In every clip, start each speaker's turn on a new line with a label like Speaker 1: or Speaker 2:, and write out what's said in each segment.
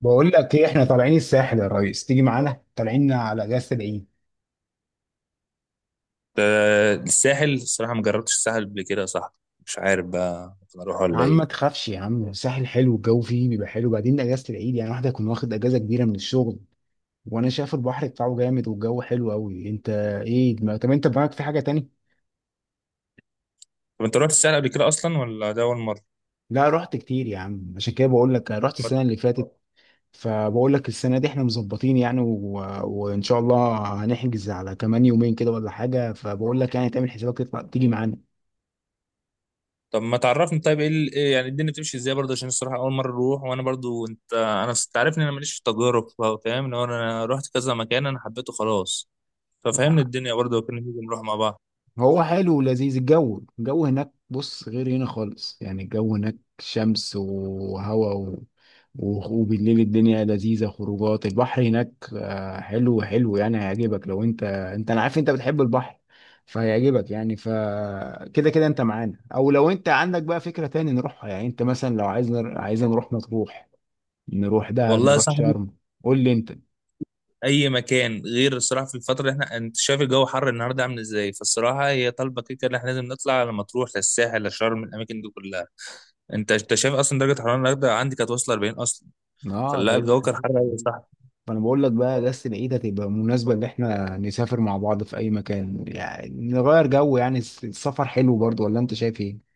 Speaker 1: بقول لك ايه؟ احنا طالعين الساحل يا ريس، تيجي معانا، طالعين على اجازه العيد.
Speaker 2: ده الساحل، الصراحة ما جربتش الساحل قبل كده يا صاحبي. مش عارف بقى ممكن اروح
Speaker 1: يا
Speaker 2: ولا
Speaker 1: عم
Speaker 2: ايه.
Speaker 1: ما تخافش يا عم، الساحل حلو، الجو فيه بيبقى حلو، بعدين اجازه العيد يعني واحد يكون واخد اجازه كبيره من الشغل، وانا شايف البحر بتاعه جامد والجو حلو قوي. انت ايه طب انت دماغك في حاجه تاني؟
Speaker 2: طب انت رحت الساحل قبل كده اصلا ولا ده اول مرة؟
Speaker 1: لا رحت كتير يا عم، عشان كده بقول لك، رحت السنه اللي فاتت، فبقول لك السنه دي احنا مظبطين يعني وان شاء الله هنحجز على كمان يومين كده ولا حاجه، فبقول لك يعني تعمل حسابك تطلع تيجي معانا.
Speaker 2: طب ما تعرفني طيب، ايه ال- إيه يعني الدنيا بتمشي ازاي برضه؟ عشان الصراحة اول مرة اروح، وانا برضه تعرفني انا ماليش في التجارب، فاهم؟ لو انا رحت كذا مكان انا حبيته خلاص. ففهمني الدنيا برضه وكنا نيجي نروح مع بعض.
Speaker 1: هو حلو ولذيذ الجو، الجو هناك، بص غير هنا خالص، يعني الجو هناك شمس وهواء و... و- وبالليل الدنيا لذيذة، خروجات البحر هناك حلو حلو يعني، هيعجبك، لو انت انا عارف انت بتحب البحر فهيعجبك، يعني فكده كده كده انت معانا، او لو انت عندك بقى فكرة تاني نروحها، يعني انت مثلا لو عايز عايز نروح مطروح، نروح دهب،
Speaker 2: والله يا
Speaker 1: نروح
Speaker 2: صاحبي
Speaker 1: شرم. قول لي انت.
Speaker 2: اي مكان غير الصراحه، في الفتره اللي احنا انت شايف الجو حر النهارده عامل ازاي، فالصراحه هي طالبه كده كده ان احنا لازم نطلع، لما تروح للساحل لشرم الاماكن دي كلها. انت شايف اصلا درجه حراره الغداء عندي كانت واصله 40 اصلا،
Speaker 1: اه ده.
Speaker 2: فلا الجو كان حر قوي صح.
Speaker 1: فانا بقول لك بقى، اجازه العيد هتبقى مناسبه ان احنا نسافر مع بعض في اي مكان، يعني نغير جو، يعني السفر حلو برضو، ولا انت شايف ايه؟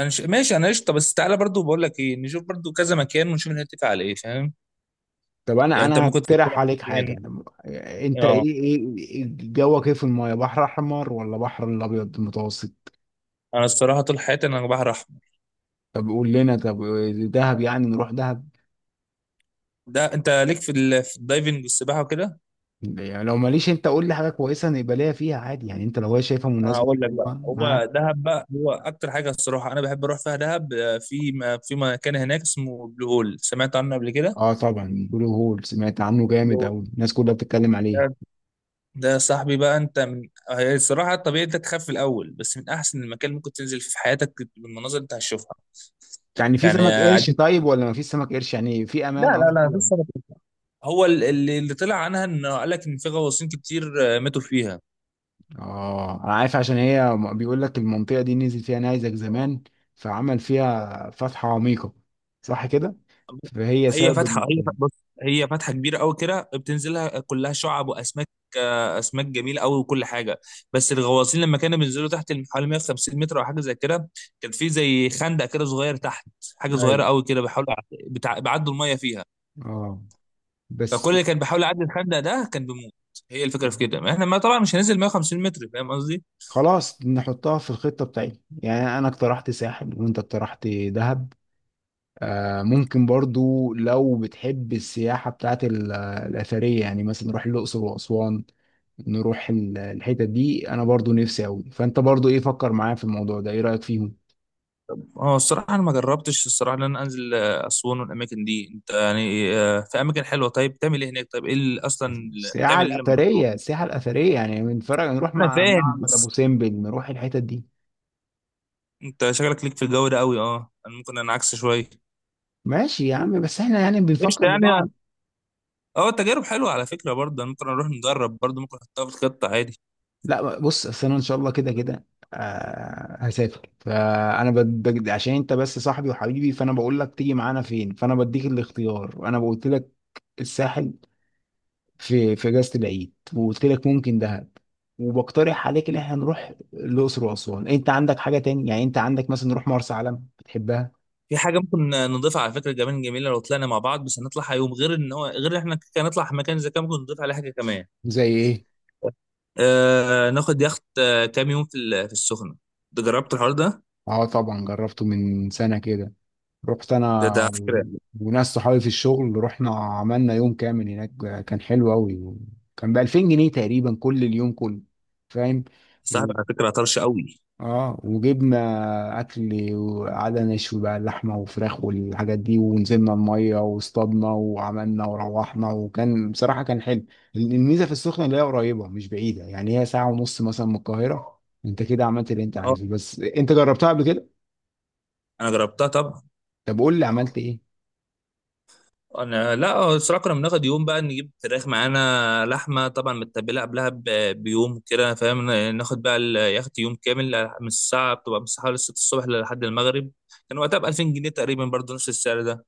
Speaker 2: ماشي انا قشطه، بس تعالى برضو بقول لك ايه، نشوف برضو كذا مكان ونشوف نتفق على ايه، فاهم؟
Speaker 1: طب
Speaker 2: يعني
Speaker 1: انا
Speaker 2: انت
Speaker 1: انا
Speaker 2: ممكن تختار
Speaker 1: هقترح عليك حاجه.
Speaker 2: مكان.
Speaker 1: انت
Speaker 2: اه
Speaker 1: ايه إيه جوك ايه في المايه، بحر احمر ولا بحر الابيض المتوسط؟
Speaker 2: انا الصراحه طول حياتي انا بحر احمر.
Speaker 1: طب قول لنا طب، دهب، يعني نروح دهب.
Speaker 2: ده انت ليك في في الدايفنج والسباحه وكده.
Speaker 1: يعني لو ماليش، انت قول لي حاجه كويسه نبقى ليا فيها عادي، يعني انت لو هي شايفها مناسبه
Speaker 2: هقول لك بقى،
Speaker 1: حلوه معاك.
Speaker 2: هو دهب بقى هو اكتر حاجه الصراحه انا بحب اروح فيها دهب. آه، في في مكان هناك اسمه بلو هول، سمعت عنه قبل كده؟
Speaker 1: اه طبعا، بلو هول سمعت عنه جامد،
Speaker 2: بلو
Speaker 1: او الناس كلها بتتكلم عليه.
Speaker 2: هول ده صاحبي بقى، انت من هي الصراحه الطبيعي انت تخاف في الاول، بس من احسن المكان اللي ممكن تنزل فيه في حياتك بالمناظر اللي انت هتشوفها.
Speaker 1: يعني في
Speaker 2: يعني
Speaker 1: سمك قرش
Speaker 2: اديك،
Speaker 1: طيب ولا ما فيش سمك قرش، يعني في
Speaker 2: لا
Speaker 1: امان
Speaker 2: لا لا
Speaker 1: قصدي
Speaker 2: مفيش
Speaker 1: ولا؟
Speaker 2: سنة كده. هو اللي طلع عنها انه قال لك ان في غواصين كتير آه، ماتوا فيها.
Speaker 1: اه انا عارف، عشان هي بيقول لك المنطقه دي نزل فيها نيزك زمان، فعمل فيها فتحه عميقه، صح كده؟ فهي
Speaker 2: هي
Speaker 1: سبب
Speaker 2: فاتحه،
Speaker 1: ال-
Speaker 2: بص، هي فاتحه كبيره قوي كده بتنزلها كلها شعب واسماك، آه، اسماك جميله قوي وكل حاجه. بس الغواصين لما كانوا بينزلوا تحت حوالي 150 متر او حاجه زي كده، كان في زي خندق كده صغير تحت، حاجه
Speaker 1: ايوه،
Speaker 2: صغيره قوي كده بيحاولوا بيعدوا الميه فيها.
Speaker 1: اه
Speaker 2: فكل
Speaker 1: بس.
Speaker 2: اللي كان بيحاول يعدي الخندق ده كان بيموت. هي الفكره في كده، ما احنا ما طبعا مش هننزل 150 متر، فاهم قصدي.
Speaker 1: خلاص نحطها في الخطه بتاعتي، يعني انا اقترحت ساحل وانت اقترحت دهب. آه ممكن برضو لو بتحب السياحه بتاعت الاثريه، يعني مثلا نروح الاقصر واسوان، نروح الحتت دي، انا برضو نفسي اوي، فانت برضو ايه، فكر معايا في الموضوع ده، ايه رايك فيهم؟
Speaker 2: اه الصراحه انا ما جربتش الصراحه ان انا انزل آه، اسوان والاماكن دي، انت يعني آه، في اماكن حلوه طيب، بتعمل ايه هناك؟ طيب ايه اللي اصلا
Speaker 1: السياحه
Speaker 2: بتعمل ايه لما بتروح؟
Speaker 1: الاثريه، السياحه الاثريه، يعني من فرق نروح
Speaker 2: انا
Speaker 1: مع
Speaker 2: فاهم،
Speaker 1: معبد ابو
Speaker 2: بس
Speaker 1: سمبل، نروح الحتت دي.
Speaker 2: انت شغلك ليك في الجو ده قوي، اه انا ممكن انا عكس شويه.
Speaker 1: ماشي يا عم، بس احنا يعني
Speaker 2: قشطه
Speaker 1: بنفكر
Speaker 2: يعني.
Speaker 1: لبعض.
Speaker 2: اه التجارب حلوه على فكره برضه، أنا ممكن اروح نجرب برضه، ممكن احطها في الخطه عادي.
Speaker 1: لا بص، اصل انا ان شاء الله كده كده هسافر، فانا عشان انت بس صاحبي وحبيبي، فانا بقول لك تيجي معانا فين، فانا بديك الاختيار. وانا قلت لك الساحل في اجازه العيد، وقلت لك ممكن دهب، وبقترح عليك ان احنا نروح الاقصر واسوان. انت عندك حاجه تاني يعني، انت عندك مثلا نروح مرسى علم، بتحبها؟
Speaker 2: في حاجه ممكن نضيفها على فكره كمان جميله، لو طلعنا مع بعض بس هنطلع يوم غير ان هو غير ان احنا كان نطلع مكان زي كده ممكن نضيف عليه حاجه كمان.
Speaker 1: زي ايه؟
Speaker 2: آه ناخد يخت آه، كام يوم في في السخنه. ده جربت الحوار ده؟
Speaker 1: اه طبعا جربته من سنه كده، رحت
Speaker 2: ده على فكره
Speaker 1: وناس صحابي في الشغل، رحنا عملنا يوم كامل هناك، كان حلو قوي، كان ب 2000 جنيه تقريبا كل اليوم كله، فاهم.
Speaker 2: صاحبي على فكره طرش قوي.
Speaker 1: اه وجبنا اكل وقعدنا نشوي بقى اللحمه وفراخ والحاجات دي، ونزلنا الميه واصطادنا وعملنا وروحنا، وكان بصراحه كان حلو. الميزه في السخنه اللي هي قريبه مش بعيده، يعني هي ساعه ونص مثلا من القاهره، انت كده عملت اللي انت
Speaker 2: اه
Speaker 1: عايزه، بس انت جربتها قبل كده؟
Speaker 2: انا جربتها طبعا.
Speaker 1: طب قول لي عملت ايه؟
Speaker 2: انا لا آه، الصراحه كنا بناخد يوم بقى، نجيب فراخ معانا لحمه طبعا متبله قبلها بيوم كده، فاهم؟ ناخد بقى اليخت يوم كامل، من الساعه بتبقى من الساعه حوالي 6 الصبح لحد المغرب. كان وقتها ب 2000 جنيه تقريبا برضه نفس السعر ده.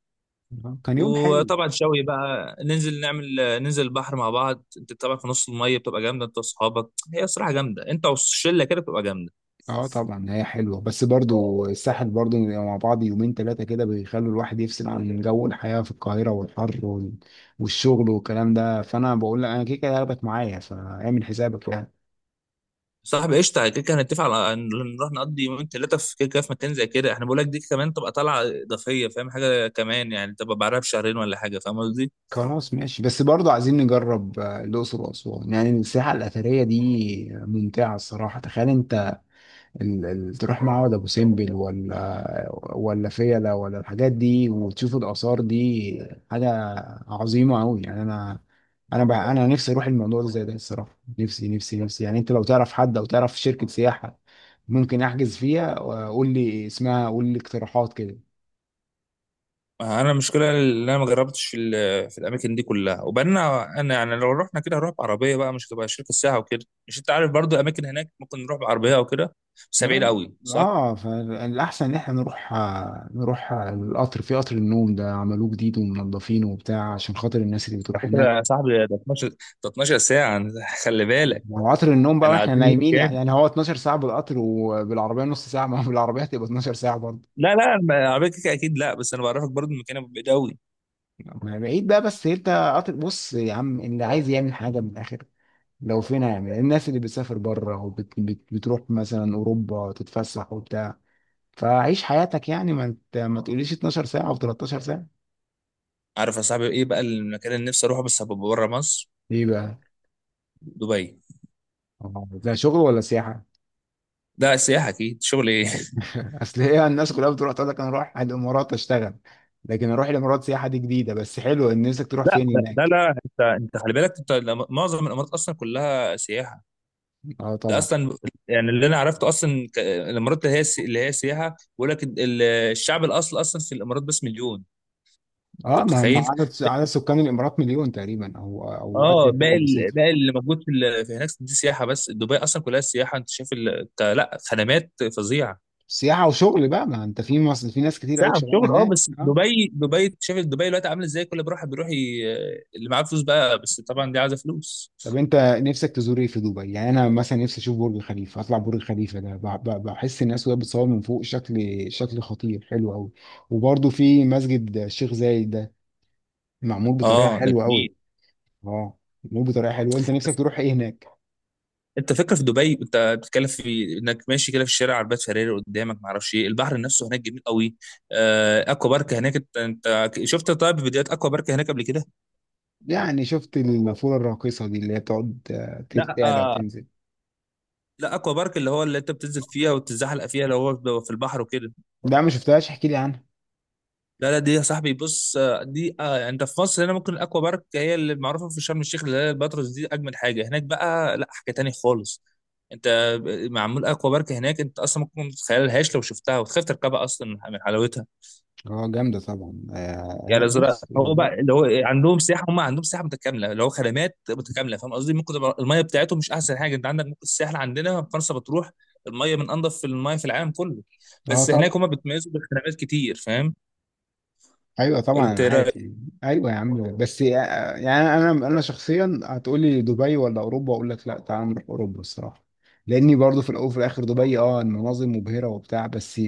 Speaker 1: كان يوم حلو.
Speaker 2: وطبعا شوي بقى ننزل نعمل ننزل البحر مع بعض، انت طبعا في نص الميه بتبقى جامده، انت واصحابك هي الصراحه جامده، انت والشله كده بتبقى جامده.
Speaker 1: اه طبعا هي حلوه، بس برضو الساحل برضو بيبقى مع بعض يومين ثلاثه كده، بيخلوا الواحد يفصل عن جو الحياه في القاهره والحر والشغل والكلام ده، فانا بقول لك انا كده كده هاخدك معايا، فاعمل حسابك يعني.
Speaker 2: صاحبي قشطه، كده كده هنتفق على ان نروح نقضي يومين ثلاثه في كده كده في مكان زي كده، احنا بقول لك دي كمان تبقى طالعه اضافيه، فاهم؟ حاجه كمان يعني تبقى بعدها بشهرين ولا حاجه، فاهم قصدي.
Speaker 1: خلاص ماشي، بس برضو عايزين نجرب الاقصر واسوان، يعني الساحه الاثريه دي ممتعه الصراحه، تخيل انت تروح معبد ابو سمبل، ولا فيلة، ولا الحاجات دي، وتشوف الاثار دي، حاجه عظيمه قوي يعني. انا بقى انا نفسي اروح الموضوع ده زي ده الصراحه، نفسي نفسي نفسي، يعني انت لو تعرف حد او تعرف شركه سياحه ممكن احجز فيها، وقول لي اسمها، قول لي اقتراحات كده.
Speaker 2: انا المشكله اللي انا ما جربتش في في الاماكن دي كلها، وبعدين انا يعني لو رحنا كده هنروح بعربيه بقى، مش هتبقى شركه ساعه وكده، مش انت عارف برضو اماكن هناك ممكن نروح بعربيه او كده، بس بعيد
Speaker 1: نروح،
Speaker 2: قوي صح.
Speaker 1: اه فالاحسن ان احنا نروح، نروح القطر، في قطر النوم ده عملوه جديد ومنضفينه وبتاع، عشان خاطر الناس اللي
Speaker 2: على
Speaker 1: بتروح هناك.
Speaker 2: فكرة يا صاحبي ده 12، ده 12 ساعة خلي بالك.
Speaker 1: لو قطر النوم بقى
Speaker 2: انا
Speaker 1: واحنا
Speaker 2: عايزين يوم
Speaker 1: نايمين،
Speaker 2: كامل.
Speaker 1: يعني هو 12 ساعة بالقطر، وبالعربية نص ساعة، ما هو بالعربية هتبقى 12 ساعة برضه.
Speaker 2: لا لا على فكرة كده اكيد لا، بس انا بعرفك برضو المكان ابو بعيد قوي.
Speaker 1: ما بعيد بقى بس انت، قطر، بص يا عم اللي عايز يعمل حاجة من الآخر، لو فين هيعمل، الناس اللي بتسافر بره وبتروح مثلا أوروبا تتفسح وبتاع، فعيش حياتك يعني، ما انت ما تقوليش 12 ساعة أو 13 ساعة.
Speaker 2: عارف يا صاحبي ايه بقى المكان اللي نفسي اروحه بس هبقى بره مصر؟
Speaker 1: ايه بقى؟
Speaker 2: دبي.
Speaker 1: آه، ده شغل ولا سياحة؟
Speaker 2: ده سياحة اكيد، شغل ايه
Speaker 1: اصل هي الناس كلها بتروح تقول لك انا اروح الامارات اشتغل، لكن اروح الامارات سياحة دي جديدة، بس حلو، ان نفسك تروح
Speaker 2: لا
Speaker 1: فين
Speaker 2: لا لا
Speaker 1: هناك؟
Speaker 2: لا، انت انت خلي بالك انت معظم الامارات اصلا كلها سياحة.
Speaker 1: اه
Speaker 2: ده
Speaker 1: طبعا.
Speaker 2: اصلا، يعني اللي انا عرفته اصلا الامارات اللي هي اللي هي سياحة. بيقول لك الشعب الاصل اصلا في الامارات بس مليون. انت
Speaker 1: اه ما هم
Speaker 2: متخيل.
Speaker 1: عدد سكان الامارات مليون تقريبا، او
Speaker 2: اه
Speaker 1: ازيد حاجه
Speaker 2: باقي
Speaker 1: بسيطه.
Speaker 2: باقي اللي موجود في في هناك دي سياحه، بس دبي اصلا كلها سياحه، انت شايف لا خدمات فظيعه.
Speaker 1: سياحه وشغل بقى، ما انت في مصر في ناس كتير قوي
Speaker 2: ساعة
Speaker 1: شغاله
Speaker 2: شغل اه،
Speaker 1: هناك.
Speaker 2: بس
Speaker 1: اه،
Speaker 2: دبي شايف دبي دلوقتي عامله ازاي، كل بروح بيروح ي... اللي معاه فلوس بقى، بس طبعا دي عايزه فلوس.
Speaker 1: طب انت نفسك تزور ايه في دبي؟ يعني انا مثلا نفسي اشوف برج خليفه، اطلع برج خليفه ده بحس الناس وهي بتصور من فوق شكل، شكل خطير حلو قوي. وبرضه في مسجد الشيخ زايد ده، معمول بطريقه
Speaker 2: اه ده
Speaker 1: حلوه قوي.
Speaker 2: جميل.
Speaker 1: اه معمول بطريقه حلوه، انت نفسك تروح ايه هناك؟
Speaker 2: انت فكره في دبي انت بتتكلم في انك ماشي كده في الشارع عربيات فيراري قدامك، ما اعرفش ايه، البحر نفسه هناك جميل قوي. آه اكوا بارك هناك انت، انت شفت طيب فيديوهات اكوا بارك هناك قبل كده؟
Speaker 1: يعني شفت النافوره الراقصه دي، اللي هي بتقعد تعلى
Speaker 2: لا
Speaker 1: وتنزل.
Speaker 2: لا، اكوا بارك اللي هو اللي انت بتنزل فيها وتتزحلق فيها، اللي هو بيبقى في البحر وكده.
Speaker 1: ده ما شفتهاش، احكي لي عنها.
Speaker 2: لا لا دي يا صاحبي، بص آه، دي آه، يعني انت في مصر هنا ممكن الاكوا بارك هي اللي معروفه في شرم الشيخ اللي هي الباتروس دي اجمل حاجه، هناك بقى لا حاجه تاني خالص. انت معمول اكوا بارك هناك انت اصلا ممكن ما تتخيلهاش لو شفتها، وتخاف تركبها اصلا من حلاوتها.
Speaker 1: اه جامدة طبعا
Speaker 2: يعني زراعة
Speaker 1: بص.
Speaker 2: هو بقى اللي هو إيه، عندهم سياحة، هم عندهم سياحة متكاملة اللي هو خدمات متكاملة، فاهم قصدي؟ ممكن تبقى المية بتاعتهم مش أحسن حاجة، أنت عندك ممكن الساحل عندنا في فرنسا بتروح، المية من أنظف المية في العالم كله.
Speaker 1: اه
Speaker 2: بس هناك
Speaker 1: طبعا.
Speaker 2: هم بيتميزوا بالخدمات كتير، فاهم؟
Speaker 1: ايوه طبعا
Speaker 2: أنت
Speaker 1: انا
Speaker 2: إيه
Speaker 1: عارف
Speaker 2: رأيك؟
Speaker 1: يعني. ايوه يا عم، بس يعني انا شخصيا هتقولي دبي ولا اوروبا، اقول لك لا، تعال نروح اوروبا الصراحة. لاني برضو في الاول وفي الاخر دبي، اه المناظر مبهرة وبتاع، بس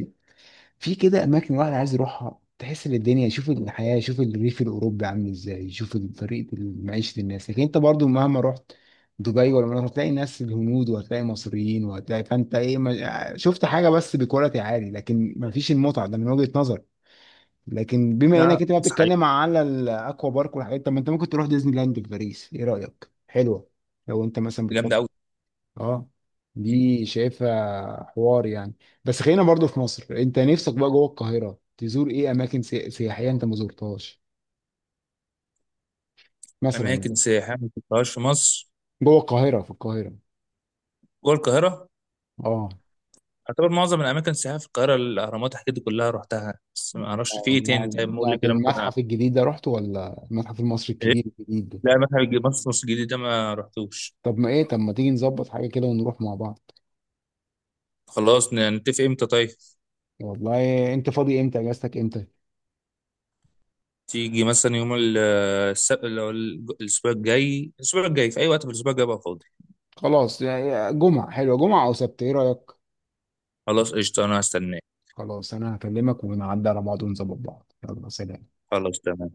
Speaker 1: في كده اماكن الواحد عايز يروحها تحس ان الدنيا، يشوف الحياه، يشوف الريف الاوروبي عامل ازاي، يشوف طريقه معيشه الناس. لكن انت برضو مهما رحت دبي ولا مناطق هتلاقي ناس الهنود، وهتلاقي مصريين، وهتلاقي، فانت ايه ما شفت حاجه، بس بكواليتي عالي، لكن ما فيش المتعه ده من وجهه نظر. لكن بما انك
Speaker 2: لا
Speaker 1: انت بقى
Speaker 2: صحيح،
Speaker 1: بتتكلم على الاكوا بارك والحاجات، طب ما انت ممكن تروح ديزني لاند في باريس، ايه رايك، حلوه؟ لو انت مثلا
Speaker 2: جامدة
Speaker 1: بتفكر.
Speaker 2: أوي.
Speaker 1: اه
Speaker 2: مم.
Speaker 1: دي شايفها حوار يعني. بس خلينا برضو في مصر، انت نفسك بقى جوه القاهرة تزور ايه اماكن سياحية انت ما زرتهاش مثلا
Speaker 2: أماكن
Speaker 1: يعني؟
Speaker 2: سياحية ما شفتهاش في مصر؟
Speaker 1: جوه القاهرة، في القاهرة.
Speaker 2: جوه القاهرة.
Speaker 1: اه،
Speaker 2: أعتبر معظم الأماكن السياحية في القاهرة الأهرامات الحاجات دي كلها رحتها، بس ما أعرفش في إيه تاني،
Speaker 1: يعني
Speaker 2: طيب قول لي كده ممكن
Speaker 1: المتحف الجديد ده رحته، ولا المتحف المصري
Speaker 2: إيه؟
Speaker 1: الكبير الجديد ده؟
Speaker 2: لا متحف مصر الجديد ده ما رحتوش.
Speaker 1: طب ما ايه، طب ما تيجي نظبط حاجة كده ونروح مع بعض.
Speaker 2: خلاص نتفق إمتى طيب؟
Speaker 1: والله انت فاضي امتى، اجازتك امتى؟
Speaker 2: تيجي مثلا يوم اللي هو الاسبوع الجاي، الاسبوع الجاي في اي وقت في الاسبوع الجاي بقى فاضي.
Speaker 1: خلاص يعني جمعة، حلوة جمعة او سبت، ايه رأيك؟
Speaker 2: خلاص قشطه انا هستناك.
Speaker 1: خلاص انا هكلمك ونعدي على بعض ونظبط بعض، يلا سلام.
Speaker 2: خلاص تمام.